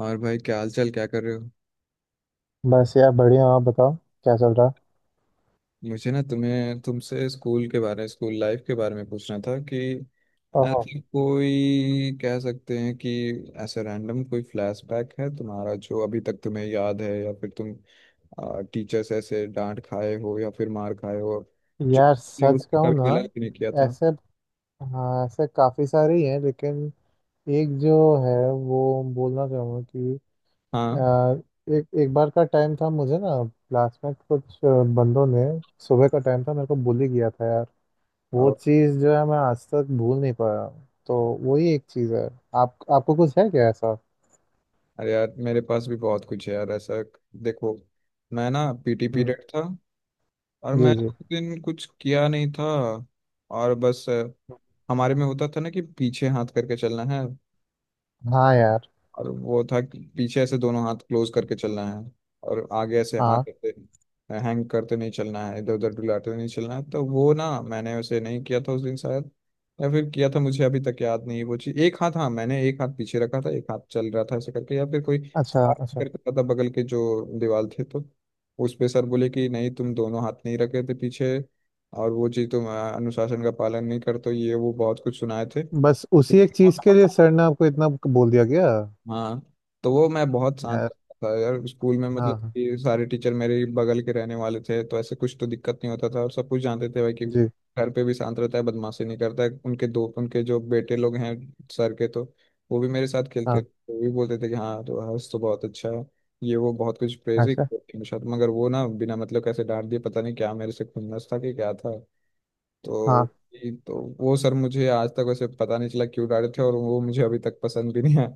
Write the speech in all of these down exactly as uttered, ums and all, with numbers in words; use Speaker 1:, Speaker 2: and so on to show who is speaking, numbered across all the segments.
Speaker 1: और भाई, क्या हाल चाल, क्या कर रहे हो?
Speaker 2: बस यार, बढ़िया हूँ। आप बताओ, क्या चल रहा है।
Speaker 1: मुझे ना तुम्हें तुमसे स्कूल के बारे में, स्कूल लाइफ के बारे में पूछना था कि
Speaker 2: ओहो।
Speaker 1: ऐसी कोई, कह सकते हैं कि ऐसा रैंडम कोई फ्लैशबैक है तुम्हारा जो अभी तक तुम्हें याद है, या फिर तुम टीचर्स ऐसे डांट खाए हो या फिर मार खाए हो, जो
Speaker 2: यार,
Speaker 1: तुमने उस
Speaker 2: सच
Speaker 1: पे
Speaker 2: कहूँ
Speaker 1: कभी गलत भी नहीं किया
Speaker 2: ना,
Speaker 1: था।
Speaker 2: ऐसे हाँ, ऐसे काफ़ी सारे ही हैं लेकिन। एक जो है, वो बोलना चाहूँगा कि
Speaker 1: हाँ।
Speaker 2: आ, एक एक बार का टाइम था। मुझे ना क्लास में कुछ आ, बंदों ने, सुबह का टाइम था, मेरे को bully किया था यार। वो
Speaker 1: और
Speaker 2: चीज़ जो है मैं आज तक भूल नहीं पाया। तो वही एक चीज़ है। आप आपको कुछ है क्या ऐसा।
Speaker 1: अरे यार, मेरे पास भी बहुत कुछ है यार ऐसा। देखो, मैं ना पी टी
Speaker 2: हम्म।
Speaker 1: पीरियड था, और
Speaker 2: जी
Speaker 1: मैं
Speaker 2: जी।
Speaker 1: उस दिन कुछ किया नहीं था, और बस हमारे में होता था ना कि पीछे हाथ करके चलना है।
Speaker 2: हाँ यार।
Speaker 1: और वो था कि पीछे ऐसे दोनों हाथ क्लोज करके चलना है, और आगे ऐसे
Speaker 2: हाँ।
Speaker 1: हाथ ऐसे हैंग करते नहीं चलना है, इधर उधर डुलाते नहीं चलना है। तो वो ना मैंने वैसे नहीं किया था उस दिन शायद, या फिर किया था, मुझे अभी तक याद नहीं है वो चीज। एक हाथ, हाँ, मैंने एक हाथ पीछे रखा था, एक हाथ चल रहा था ऐसे करके, या फिर कोई
Speaker 2: अच्छा
Speaker 1: सर करके
Speaker 2: अच्छा।
Speaker 1: रखा था बगल के जो दीवार थे, तो उस पे सर बोले कि नहीं, तुम दोनों हाथ नहीं रखे थे पीछे, और वो चीज तुम अ, अनुशासन का पालन नहीं करते हो, ये वो बहुत कुछ सुनाए थे।
Speaker 2: बस उसी एक चीज के लिए सर ने आपको इतना बोल दिया गया?
Speaker 1: हाँ। तो वो मैं बहुत शांत
Speaker 2: यार।
Speaker 1: करता था यार स्कूल में, मतलब
Speaker 2: हाँ हाँ,
Speaker 1: कि सारे टीचर मेरे बगल के रहने वाले थे, तो ऐसे कुछ तो दिक्कत नहीं होता था, और सब कुछ जानते थे भाई कि
Speaker 2: जी।
Speaker 1: घर पे भी शांत रहता है, बदमाशी नहीं करता है। उनके दो, उनके जो बेटे लोग हैं सर के, तो वो भी मेरे साथ खेलते
Speaker 2: हाँ।
Speaker 1: थे। वो भी बोलते थे कि हाँ तो हर्ष तो बहुत अच्छा है, ये वो बहुत कुछ प्रेज ही
Speaker 2: अच्छा।
Speaker 1: करते हैं। शायद मगर वो ना बिना मतलब कैसे डांट दिए, पता नहीं क्या मेरे से खुन्नस था कि क्या था।
Speaker 2: हाँ।
Speaker 1: तो ये- तो वो सर मुझे आज तक वैसे पता नहीं चला क्यों डांटे थे, और वो मुझे अभी तक पसंद भी नहीं आया।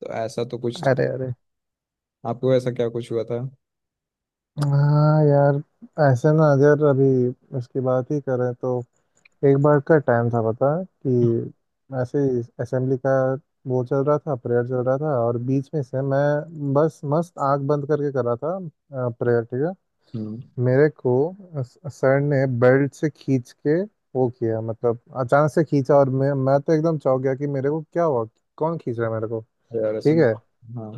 Speaker 1: तो ऐसा तो कुछ था।
Speaker 2: अरे अरे।
Speaker 1: आपको ऐसा क्या कुछ हुआ था?
Speaker 2: हाँ यार, ऐसे ना यार, अभी उसकी बात ही करें तो, एक बार का टाइम था, पता है कि ऐसे ही असेंबली का वो चल रहा था, प्रेयर चल रहा था, और बीच में से मैं बस मस्त आंख बंद करके कर रहा था प्रेयर, ठीक है।
Speaker 1: हम्म।
Speaker 2: मेरे को अस- सर ने बेल्ट से खींच के वो किया, मतलब अचानक से खींचा और मैं मैं तो एकदम चौंक गया कि मेरे को क्या हुआ, कौन खींच रहा है मेरे को।
Speaker 1: यार, ऐसा
Speaker 2: ठीक है।
Speaker 1: तो। हाँ।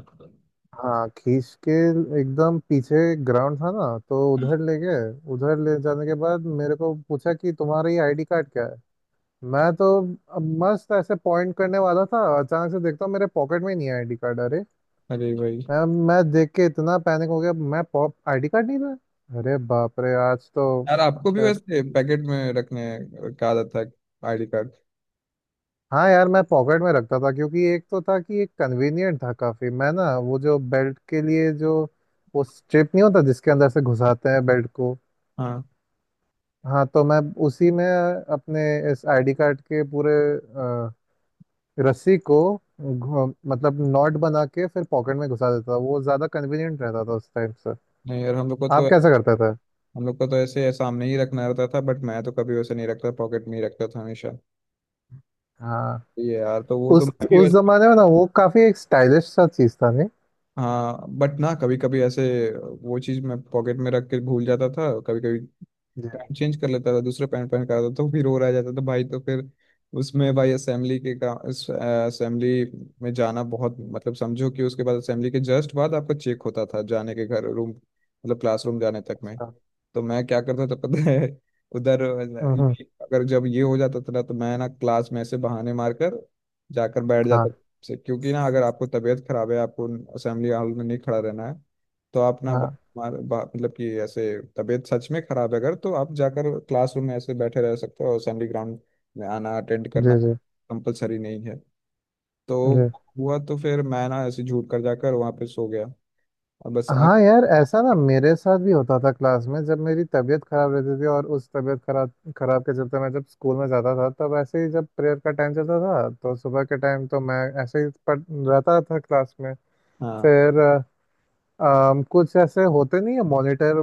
Speaker 2: हाँ, खींच के एकदम पीछे। ग्राउंड था ना तो उधर ले गए। उधर ले जाने के बाद मेरे को पूछा कि तुम्हारा ये आईडी कार्ड क्या है। मैं तो अब मस्त ऐसे पॉइंट करने वाला था, अचानक से देखता हूँ मेरे पॉकेट में नहीं है आईडी कार्ड। अरे!
Speaker 1: अरे भाई।
Speaker 2: मैं मैं देख के इतना पैनिक हो गया, मैं पॉप आईडी कार्ड नहीं था, अरे बाप रे, आज तो।
Speaker 1: यार, आपको भी वैसे
Speaker 2: फिर।
Speaker 1: पैकेट में रखने का आदत था आई डी कार्ड?
Speaker 2: हाँ यार, मैं पॉकेट में रखता था क्योंकि एक तो था कि एक कन्वीनियंट था काफी। मैं ना वो जो बेल्ट के लिए जो, वो स्ट्रिप नहीं होता जिसके अंदर से घुसाते हैं बेल्ट को।
Speaker 1: हाँ।
Speaker 2: हाँ, तो मैं उसी में अपने इस आईडी कार्ड के पूरे अ, रस्सी को घु- मतलब नॉट बना के फिर पॉकेट में घुसा देता था। वो ज्यादा कन्वीनियंट रहता था उस टाइम से।
Speaker 1: नहीं यार, हम लोग को
Speaker 2: आप
Speaker 1: तो
Speaker 2: कैसे करते थे?
Speaker 1: हम लोग को तो ऐसे सामने ही रखना रहता था, बट मैं तो कभी वैसे नहीं रखता, पॉकेट में ही रखता था हमेशा।
Speaker 2: हाँ,
Speaker 1: ये यार, तो वो तो
Speaker 2: उस
Speaker 1: मैं भी
Speaker 2: उस
Speaker 1: वैसे।
Speaker 2: जमाने में ना वो काफी एक स्टाइलिश सा चीज था नहीं।
Speaker 1: हाँ बट ना, कभी कभी ऐसे वो चीज़ मैं पॉकेट में रख के भूल जाता था कभी कभी।
Speaker 2: जी।
Speaker 1: पैंट चेंज कर लेता था, दूसरा पैंट पहन कर आता था, तो फिर वो रह जाता था भाई, तो फिर उसमें भाई असेंबली के का असेंबली में जाना बहुत मतलब, समझो कि उसके बाद असेंबली के जस्ट बाद आपका चेक होता था जाने के, घर रूम मतलब क्लासरूम जाने तक में।
Speaker 2: अच्छा।
Speaker 1: तो मैं क्या करता था पता है? उधर,
Speaker 2: हम्म हम्म।
Speaker 1: अगर जब ये हो जाता था ना तो मैं ना क्लास में ऐसे बहाने मारकर जाकर बैठ जाता
Speaker 2: हाँ
Speaker 1: से, क्योंकि ना अगर आपको तबीयत खराब है, आपको असेंबली हॉल में नहीं खड़ा रहना है। तो आप ना बा-
Speaker 2: हाँ।
Speaker 1: मार बा- मतलब कि ऐसे, तबीयत सच में खराब है अगर तो आप जाकर क्लासरूम में ऐसे बैठे रह सकते हो, और असेंबली ग्राउंड में आना, अटेंड करना
Speaker 2: जी जी
Speaker 1: कंपलसरी नहीं है। तो
Speaker 2: जी।
Speaker 1: हुआ, तो फिर मैं ना ऐसे झूठ कर जाकर वहां पे सो गया, और बस आ,
Speaker 2: हाँ यार, ऐसा ना मेरे साथ भी होता था। क्लास में जब मेरी तबीयत खराब रहती थी और उस तबीयत खराब खराब के चलते मैं जब स्कूल में जाता था, तब ऐसे ही जब प्रेयर का टाइम चलता था तो सुबह के टाइम, तो मैं ऐसे ही पढ़ रहता था क्लास में।
Speaker 1: हाँ।
Speaker 2: फिर अ, अम, कुछ ऐसे होते नहीं है मॉनिटर,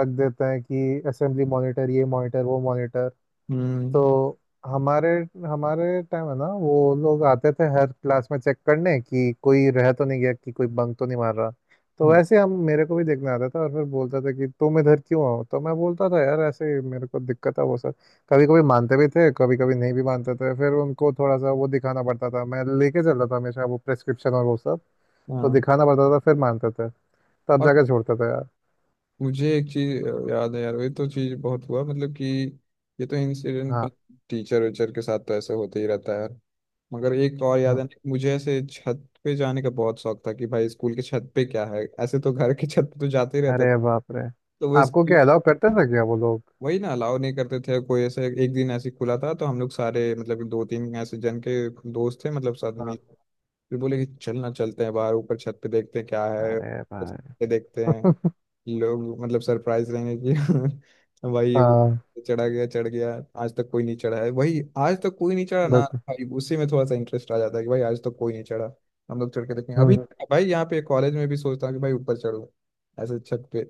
Speaker 2: रख देते हैं कि असेंबली मॉनिटर, ये मॉनिटर, वो मॉनिटर।
Speaker 1: हम्म।
Speaker 2: तो हमारे हमारे टाइम है ना, वो लोग आते थे हर क्लास में चेक करने कि कोई रह तो नहीं गया, कि कोई बंक तो नहीं मार रहा। तो
Speaker 1: हाँ।
Speaker 2: वैसे हम, मेरे को भी देखने आता था और फिर बोलता था कि तुम इधर क्यों आओ, तो मैं बोलता था यार ऐसे ही मेरे को दिक्कत है वो सर। कभी कभी मानते भी थे, कभी कभी नहीं भी मानते थे। फिर उनको थोड़ा सा वो दिखाना पड़ता था। मैं लेके चलता था हमेशा वो प्रेस्क्रिप्शन और वो सब। तो
Speaker 1: हाँ।
Speaker 2: दिखाना पड़ता था, फिर मानते थे, तब
Speaker 1: और
Speaker 2: जाके छोड़ते थे यार।
Speaker 1: मुझे एक चीज याद है यार, ये तो चीज बहुत हुआ, मतलब कि ये तो इंसिडेंट
Speaker 2: हाँ
Speaker 1: टीचर वीचर के साथ तो ऐसे होते ही रहता है यार। मगर एक और याद
Speaker 2: हाँ।
Speaker 1: है मुझे, ऐसे छत पे जाने का बहुत शौक था, कि भाई स्कूल के छत पे क्या है, ऐसे तो घर के छत पे तो जाते ही रहता था।
Speaker 2: अरे बाप रे,
Speaker 1: तो वो
Speaker 2: आपको
Speaker 1: स्कूल,
Speaker 2: क्या अलाउ करते थे क्या वो लोग?
Speaker 1: वही ना, अलाउ नहीं करते थे कोई, ऐसे एक दिन ऐसे खुला था, तो हम लोग सारे, मतलब दो तीन ऐसे जन के दोस्त थे, मतलब साथ में,
Speaker 2: हाँ।
Speaker 1: फिर बोले कि चलना चलते हैं बाहर ऊपर छत पे, देखते हैं क्या है।
Speaker 2: अरे
Speaker 1: बस,
Speaker 2: भाई।
Speaker 1: ये देखते हैं, लोग मतलब सरप्राइज रहेंगे कि भाई ये वो
Speaker 2: हाँ।
Speaker 1: चढ़ा गया चढ़ गया। आज तक कोई नहीं चढ़ा है, वही, आज तक कोई नहीं चढ़ा ना।
Speaker 2: बिल्कुल।
Speaker 1: भाई उसी में थोड़ा सा इंटरेस्ट आ जाता है कि भाई आज तक कोई नहीं चढ़ा, हम लोग चढ़ के देखेंगे
Speaker 2: हम्म
Speaker 1: अभी।
Speaker 2: हम्म।
Speaker 1: भाई यहाँ पे कॉलेज में भी सोचता हूँ कि भाई ऊपर चढ़ूँ, ऐसे छत पे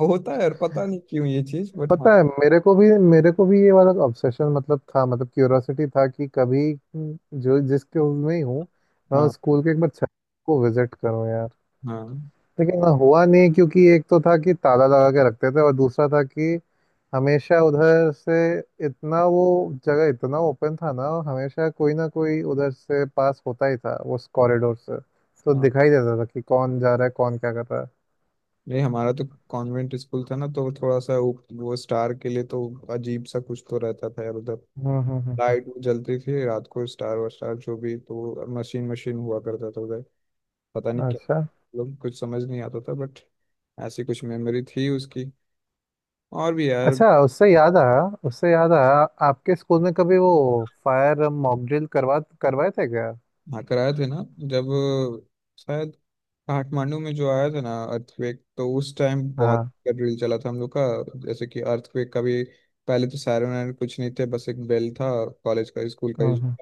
Speaker 1: होता है, और पता नहीं क्यों ये चीज, बट हाँ।
Speaker 2: पता है, मेरे को भी मेरे को भी ये वाला ऑब्सेशन मतलब था, मतलब क्यूरोसिटी था कि कभी, हम्म, जो जिस स्कूल में ही हूँ मैं,
Speaker 1: हाँ।
Speaker 2: उस स्कूल के एक बार छत को विजिट करूँ यार।
Speaker 1: हाँ।
Speaker 2: लेकिन हाँ, हुआ नहीं क्योंकि एक तो था कि ताला लगा के रखते थे, और दूसरा था कि हमेशा उधर से, इतना वो जगह इतना ओपन था ना, और हमेशा कोई ना कोई उधर से पास होता ही था उस कॉरिडोर से। तो
Speaker 1: हाँ।
Speaker 2: दिखाई देता था कि कौन जा रहा है, कौन क्या कर रहा है।
Speaker 1: नहीं हमारा तो कॉन्वेंट स्कूल था ना, तो थोड़ा सा वो, वो स्टार के लिए तो अजीब सा कुछ तो रहता था यार उधर।
Speaker 2: हम्म हम्म हम्म।
Speaker 1: लाइट वो जलती थी रात को, स्टार वार जो भी, तो मशीन मशीन हुआ करता था उधर, पता नहीं क्या
Speaker 2: अच्छा
Speaker 1: लोग, कुछ समझ नहीं आता था बट ऐसी कुछ मेमोरी थी उसकी और भी यार।
Speaker 2: अच्छा। उससे याद आया उससे याद आया आपके स्कूल में कभी वो फायर मॉक ड्रिल करवा करवाए थे क्या?
Speaker 1: हाँ, कराए थे ना जब शायद काठमांडू में जो आया था ना अर्थक्वेक, तो उस टाइम बहुत
Speaker 2: हाँ।
Speaker 1: ड्रिल चला था हम लोग का। जैसे कि अर्थक्वेक का भी पहले तो सायरन वायरन कुछ नहीं थे, बस एक बेल था, कॉलेज का, स्कूल का ही।
Speaker 2: हम्म हम्म।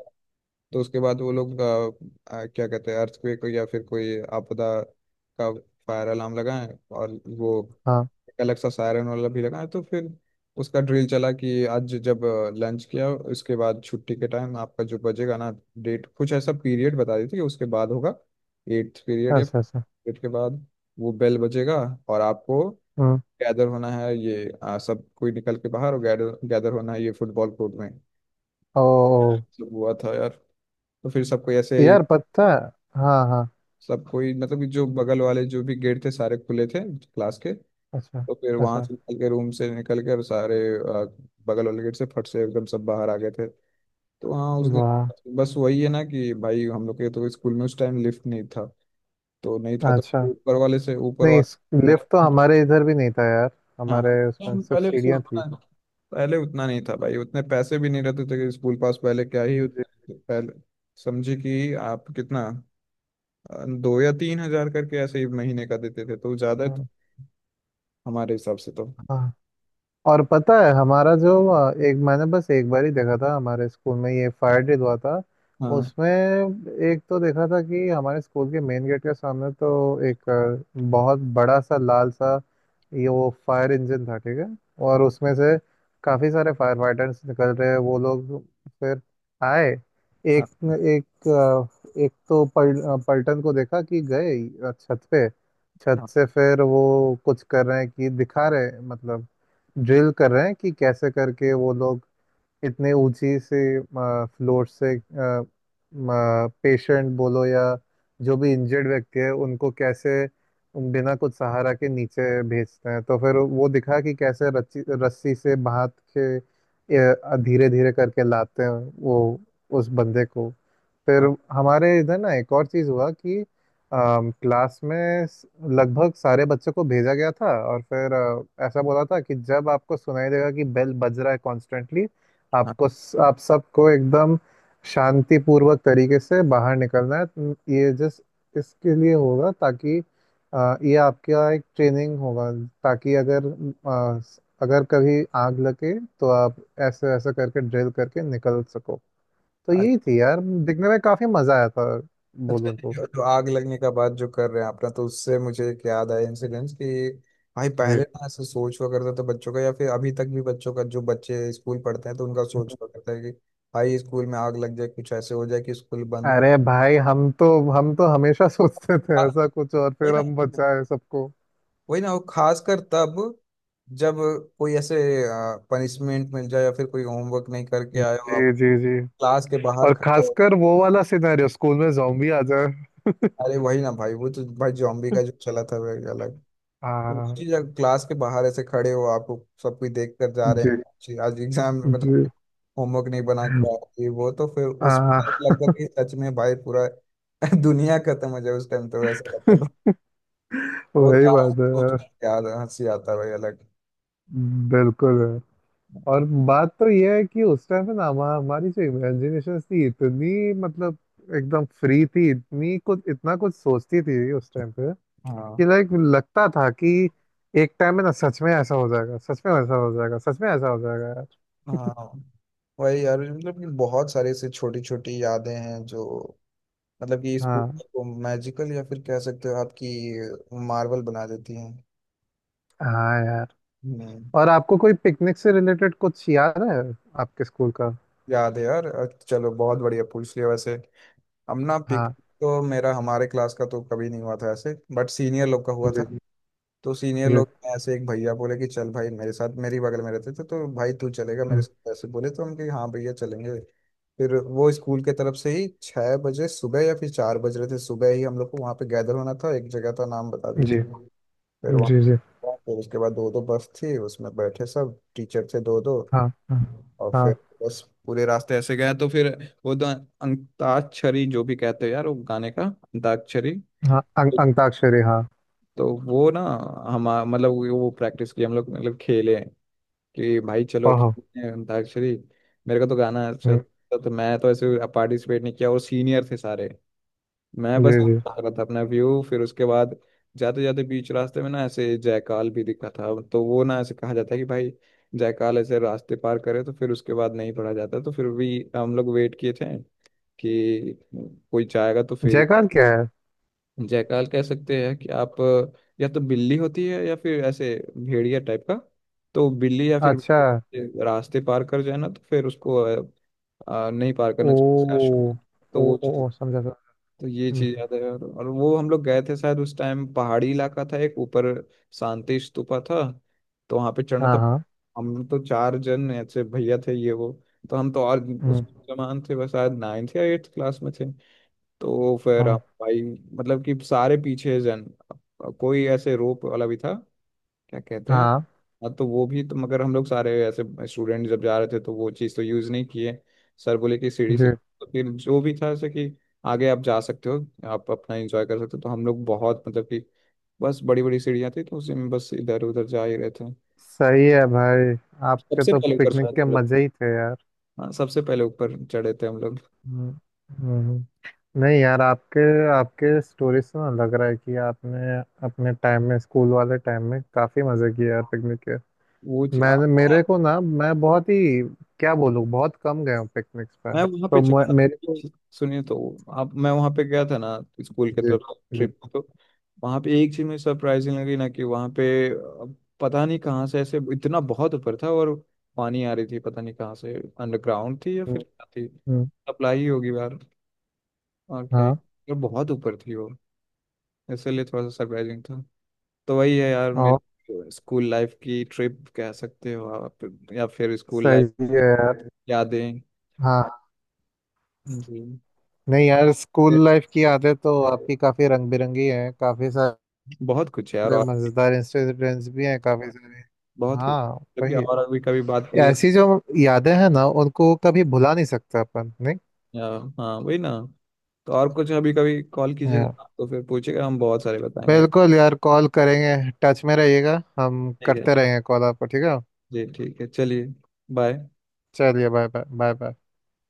Speaker 1: तो उसके बाद वो लोग अ, अ, क्या कहते हैं, अर्थक्वेक या फिर कोई आपदा का फायर अलार्म लगाएं, और वो
Speaker 2: हाँ।
Speaker 1: एक अलग सा सायरन वाला भी लगाएं। तो फिर उसका ड्रिल चला कि आज जब लंच किया उसके बाद, छुट्टी के टाइम आपका जो बजेगा ना, डेट कुछ ऐसा, पीरियड बता दी थी कि उसके बाद होगा, एट्थ पीरियड या
Speaker 2: अच्छा अच्छा।
Speaker 1: पीरियड के बाद वो बेल बजेगा, और आपको
Speaker 2: हम्म।
Speaker 1: गैदर होना है, ये आ, सब कोई निकल के बाहर, और गैदर गैदर होना है ये फुटबॉल कोर्ट में।
Speaker 2: ओ
Speaker 1: सब हुआ था यार। तो फिर सबको ऐसे ही,
Speaker 2: यार, पता है। हाँ हाँ।
Speaker 1: सब कोई, मतलब कि जो बगल वाले जो भी गेट थे सारे खुले थे क्लास के, तो
Speaker 2: अच्छा
Speaker 1: फिर वहां
Speaker 2: अच्छा।
Speaker 1: से निकल के, रूम से निकल के, और सारे अ, बगल वाले गेट से फट से एकदम सब बाहर आ गए थे। तो हाँ उस
Speaker 2: वाह।
Speaker 1: दिन बस, वही है ना कि भाई हम लोग के तो स्कूल में उस टाइम लिफ्ट नहीं था। तो नहीं था, तो
Speaker 2: अच्छा।
Speaker 1: ऊपर वाले से ऊपर
Speaker 2: नहीं,
Speaker 1: वाला मेरा।
Speaker 2: लिफ्ट तो हमारे इधर भी नहीं था यार।
Speaker 1: हाँ,
Speaker 2: हमारे उसमें
Speaker 1: हम
Speaker 2: सिर्फ
Speaker 1: पहले उससे
Speaker 2: सीढ़ियाँ थी।
Speaker 1: उतना पहले उतना नहीं था भाई, उतने पैसे भी नहीं रहते थे, कि स्कूल पास पहले क्या ही
Speaker 2: जी।
Speaker 1: उत- पहले समझे कि आप कितना अ, दो या तीन हजार करके ऐसे ही महीने का देते थे, तो ज्यादा
Speaker 2: हाँ
Speaker 1: हमारे हिसाब से तो।
Speaker 2: हाँ। और पता है हमारा जो अ, एक, मैंने बस एक बार ही देखा था हमारे स्कूल में, ये फायर डे हुआ था।
Speaker 1: हाँ।
Speaker 2: उसमें एक तो देखा था कि हमारे स्कूल के मेन गेट के सामने तो एक अ, बहुत बड़ा सा लाल सा ये वो फायर इंजन था, ठीक है। और
Speaker 1: हाँ।
Speaker 2: उसमें से काफी सारे फायर फाइटर्स निकल रहे हैं वो लोग। फिर आए।
Speaker 1: हाँ।
Speaker 2: एक एक अ, एक तो पल, अ, पलटन को देखा कि गए अ, छत पे। छत
Speaker 1: हाँ।
Speaker 2: से फिर वो कुछ कर रहे हैं कि दिखा रहे हैं, मतलब ड्रिल कर रहे हैं कि कैसे करके वो लोग इतने ऊंची से, फ्लोर से, पेशेंट बोलो या जो भी इंजर्ड व्यक्ति है उनको कैसे बिना कुछ सहारा के नीचे भेजते हैं। तो फिर वो दिखा कि कैसे रस्सी रस्सी से बांध के धीरे धीरे करके लाते हैं वो उस बंदे को। फिर।
Speaker 1: हाँ।
Speaker 2: हमारे इधर ना एक और चीज़ हुआ कि क्लास में स- लगभग सारे बच्चों को भेजा गया था, और फिर अ, ऐसा बोला था कि जब आपको सुनाई देगा कि बेल बज रहा है कॉन्स्टेंटली,
Speaker 1: हाँ।
Speaker 2: आपको आप सबको एकदम शांतिपूर्वक तरीके से बाहर निकलना है। ये जस्ट इसके लिए होगा ताकि अ, ये आपका एक ट्रेनिंग होगा, ताकि अगर अ, अगर कभी आग लगे, तो आप ऐसे ऐसे करके ड्रिल करके निकल सको। तो यही
Speaker 1: आज-
Speaker 2: थी यार। दिखने में काफी मजा आया था
Speaker 1: अच्छा,
Speaker 2: बोलूँ तो।
Speaker 1: ये जो आग लगने का बात जो कर रहे हैं आपने, तो उससे मुझे एक याद आया इंसिडेंस कि भाई
Speaker 2: जी।
Speaker 1: पहले ना ऐसे सोच हुआ करता था बच्चों का, या फिर अभी तक भी बच्चों का, जो बच्चे स्कूल पढ़ते हैं तो उनका सोच हुआ करता है कि भाई स्कूल में आग लग जाए, कुछ ऐसे हो जाए कि स्कूल बंद।
Speaker 2: अरे भाई, हम तो हम तो हमेशा सोचते
Speaker 1: हाँ,
Speaker 2: थे ऐसा कुछ, और
Speaker 1: वही
Speaker 2: फिर
Speaker 1: ना,
Speaker 2: हम
Speaker 1: वही ना।
Speaker 2: बचाए सबको।
Speaker 1: वही ना, वो खासकर तब जब कोई ऐसे पनिशमेंट मिल जाए या फिर कोई होमवर्क नहीं करके आए हो आप,
Speaker 2: जी जी जी।
Speaker 1: क्लास के बाहर
Speaker 2: और
Speaker 1: खड़े हो।
Speaker 2: खासकर वो वाला सिनेरियो, स्कूल में जॉम्बी आ जाए।
Speaker 1: अरे वही ना भाई, वो तो भाई जॉम्बी का जो चला था वो एक अलग। वो
Speaker 2: हाँ।
Speaker 1: चीज अगर क्लास के बाहर ऐसे खड़े हो आपको, सब कुछ देख कर जा रहे
Speaker 2: जी
Speaker 1: हैं जी, आज एग्जाम में मतलब
Speaker 2: जी।
Speaker 1: होमवर्क नहीं बना के आए ये वो, तो फिर उस टाइम
Speaker 2: हाँ।
Speaker 1: लगता था कि सच में भाई पूरा दुनिया खत्म हो जाए, उस टाइम तो वैसा लगता था। वो
Speaker 2: वही
Speaker 1: तो आज
Speaker 2: बात है
Speaker 1: सोच के
Speaker 2: यार।
Speaker 1: याद हंसी आता है भाई अलग।
Speaker 2: बिल्कुल है। और बात तो ये है कि उस टाइम पे ना, हमा- हमारी जो इमेजिनेशन थी इतनी, मतलब एकदम फ्री थी, इतनी कुछ इतना कुछ सोचती थी उस टाइम पे। कि
Speaker 1: हाँ।
Speaker 2: लाइक लगता था कि एक टाइम में ना सच में ऐसा हो जाएगा, सच में ऐसा हो जाएगा, सच में ऐसा हो जाएगा यार।
Speaker 1: हाँ। वही यार, मतलब कि बहुत सारी ऐसी छोटी छोटी यादें हैं, जो मतलब कि स्कूल
Speaker 2: हाँ
Speaker 1: को मैजिकल, या फिर कह सकते हो आपकी मार्वल बना देती हैं।
Speaker 2: हाँ यार।
Speaker 1: हम्म।
Speaker 2: और आपको कोई पिकनिक से रिलेटेड कुछ याद है आपके स्कूल का?
Speaker 1: याद है यार, अ, चलो बहुत बढ़िया पूछ लिया वैसे। हम ना पिक
Speaker 2: हाँ।
Speaker 1: तो मेरा हमारे क्लास का तो कभी नहीं हुआ था ऐसे, बट सीनियर लोग का हुआ था।
Speaker 2: जी
Speaker 1: तो सीनियर
Speaker 2: जी।
Speaker 1: लोग में ऐसे एक भैया बोले कि चल भाई मेरे साथ, मेरी बगल में रहते थे तो भाई तू चलेगा मेरे
Speaker 2: हुँ।
Speaker 1: साथ, ऐसे बोले तो हम कि हाँ भैया चलेंगे। फिर वो स्कूल के तरफ से ही छः बजे सुबह या फिर चार बज रहे थे सुबह ही, हम लोग को वहाँ पे गैदर होना था, एक जगह का नाम बता दिए थे।
Speaker 2: जी
Speaker 1: फिर वहाँ
Speaker 2: जी जी।
Speaker 1: हुआ, फिर उसके बाद दो दो बस थी, उसमें बैठे सब टीचर थे दो दो।
Speaker 2: हाँ हाँ।
Speaker 1: और
Speaker 2: हाँ
Speaker 1: फिर बस पूरे रास्ते ऐसे गया, तो फिर वो तो अंताक्षरी जो भी कहते हो यार, वो गाने का अंताक्षरी,
Speaker 2: हाँ। अं अंताक्षरी, हाँ।
Speaker 1: तो वो ना हम, मतलब वो प्रैक्टिस की हम लोग, मतलब खेले कि भाई चलो
Speaker 2: ओहो!
Speaker 1: खेलते हैं अंताक्षरी। मेरे को तो गाना अच्छा
Speaker 2: हुँ।
Speaker 1: था, तो मैं तो ऐसे पार्टिसिपेट नहीं किया, और सीनियर थे सारे, मैं
Speaker 2: जी
Speaker 1: बस
Speaker 2: जी।
Speaker 1: बता रहा था अपना व्यू। फिर उसके बाद जाते जाते बीच रास्ते में ना ऐसे जायकाल भी दिखा था, तो वो ना ऐसे कहा जाता है कि भाई जायकाल ऐसे रास्ते पार करे तो फिर उसके बाद नहीं पढ़ा जाता, तो फिर भी हम लोग वेट किए थे कि कोई जाएगा तो फिर,
Speaker 2: जयकार क्या है?
Speaker 1: जायकाल कह सकते हैं कि आप या तो बिल्ली होती है, या फिर ऐसे भेड़िया टाइप का, तो बिल्ली या फिर
Speaker 2: अच्छा।
Speaker 1: भेड़िया रास्ते पार कर जाए ना, तो फिर उसको अ, अ, नहीं पार करना
Speaker 2: ओह!
Speaker 1: चाहिए। तो
Speaker 2: ओ
Speaker 1: वो,
Speaker 2: ओ ओ, समझा समझा।
Speaker 1: तो ये
Speaker 2: हुँ।
Speaker 1: चीज याद है यार, और वो हम लोग गए थे शायद, उस टाइम पहाड़ी इलाका था, एक ऊपर शांति स्तूपा था, तो वहां पे चढ़ना। तो
Speaker 2: हाँ हाँ।
Speaker 1: हम तो चार जन ऐसे भैया थे ये वो, तो हम तो और उस
Speaker 2: हुँ।
Speaker 1: जमान थे, बस शायद नाइन्थ या एट्थ क्लास में थे, तो फिर हम
Speaker 2: हाँ
Speaker 1: भाई, मतलब कि सारे पीछे जन, कोई ऐसे रोप वाला भी था, क्या कहते हैं।
Speaker 2: हाँ।
Speaker 1: हाँ तो वो भी तो, मगर हम लोग सारे ऐसे स्टूडेंट जब जा रहे थे तो वो चीज़ तो यूज़ नहीं किए। सर बोले कि सीढ़ी से,
Speaker 2: जी।
Speaker 1: तो फिर जो भी था ऐसे कि आगे आप जा सकते हो, आप अपना एंजॉय कर सकते हो, तो हम लोग बहुत मतलब कि बस बड़ी बड़ी सीढ़ियाँ थी, तो उसी में बस इधर उधर जा ही रहे थे।
Speaker 2: सही है भाई, आपके
Speaker 1: सबसे
Speaker 2: तो
Speaker 1: पहले ऊपर
Speaker 2: पिकनिक
Speaker 1: चढ़े थे
Speaker 2: के
Speaker 1: हम लोग,
Speaker 2: मज़े ही थे यार।
Speaker 1: हाँ सबसे पहले ऊपर चढ़े थे हम लोग।
Speaker 2: हुँ हुँ हुँ। नहीं यार, आपके आपके स्टोरी से ना लग रहा है कि आपने अपने टाइम में, स्कूल वाले टाइम में काफ़ी मज़े किए यार पिकनिक के।
Speaker 1: वो चीज़-
Speaker 2: मैंने, मेरे को ना, मैं बहुत ही क्या बोलूँ, बहुत कम गया हूँ पिकनिक्स पे।
Speaker 1: मैं वहां पे
Speaker 2: तो मैं-
Speaker 1: चला,
Speaker 2: मेरे को।
Speaker 1: सुनिए तो आप, मैं वहां पे गया था ना स्कूल के
Speaker 2: जी
Speaker 1: तरफ
Speaker 2: जी।
Speaker 1: ट्रिप, तो वहां पे एक चीज मुझे सरप्राइजिंग लगी ना कि वहां पे अ, पता नहीं कहाँ से, ऐसे इतना बहुत ऊपर था और पानी आ रही थी पता नहीं कहाँ से, अंडरग्राउंड थी या फिर
Speaker 2: हम्म
Speaker 1: क्या थी,
Speaker 2: हम्म।
Speaker 1: सप्लाई होगी यार और क्या ही,
Speaker 2: हाँ,
Speaker 1: और बहुत ऊपर थी वो, इसलिए थोड़ा सा सरप्राइजिंग था। तो वही है यार,
Speaker 2: और
Speaker 1: मेरी स्कूल लाइफ की ट्रिप कह सकते हो आप, या फिर स्कूल लाइफ
Speaker 2: सही है यार।
Speaker 1: यादें
Speaker 2: हाँ।
Speaker 1: जी।
Speaker 2: नहीं यार, स्कूल लाइफ की यादें तो आपकी काफी रंग बिरंगी हैं, काफी सारे
Speaker 1: बहुत कुछ है यार, और
Speaker 2: मजेदार इंसिडेंट्स भी हैं काफी सारे।
Speaker 1: बहुत कुछ।
Speaker 2: हाँ,
Speaker 1: जबकि,
Speaker 2: वही।
Speaker 1: और अभी कभी बात कीजिएगा तो,
Speaker 2: ऐसी जो यादें हैं ना, उनको कभी भुला नहीं सकते अपन, नहीं।
Speaker 1: या हाँ वही ना। तो और कुछ अभी कभी कॉल
Speaker 2: हाँ।
Speaker 1: कीजिएगा तो फिर पूछिएगा, हम बहुत सारे बताएंगे।
Speaker 2: बिल्कुल यार, कॉल करेंगे। टच में रहिएगा, हम
Speaker 1: ठीक है।
Speaker 2: करते रहेंगे कॉल आपको, ठीक है।
Speaker 1: जी ठीक है चलिए बाय।
Speaker 2: चलिए, बाय बाय बाय बाय।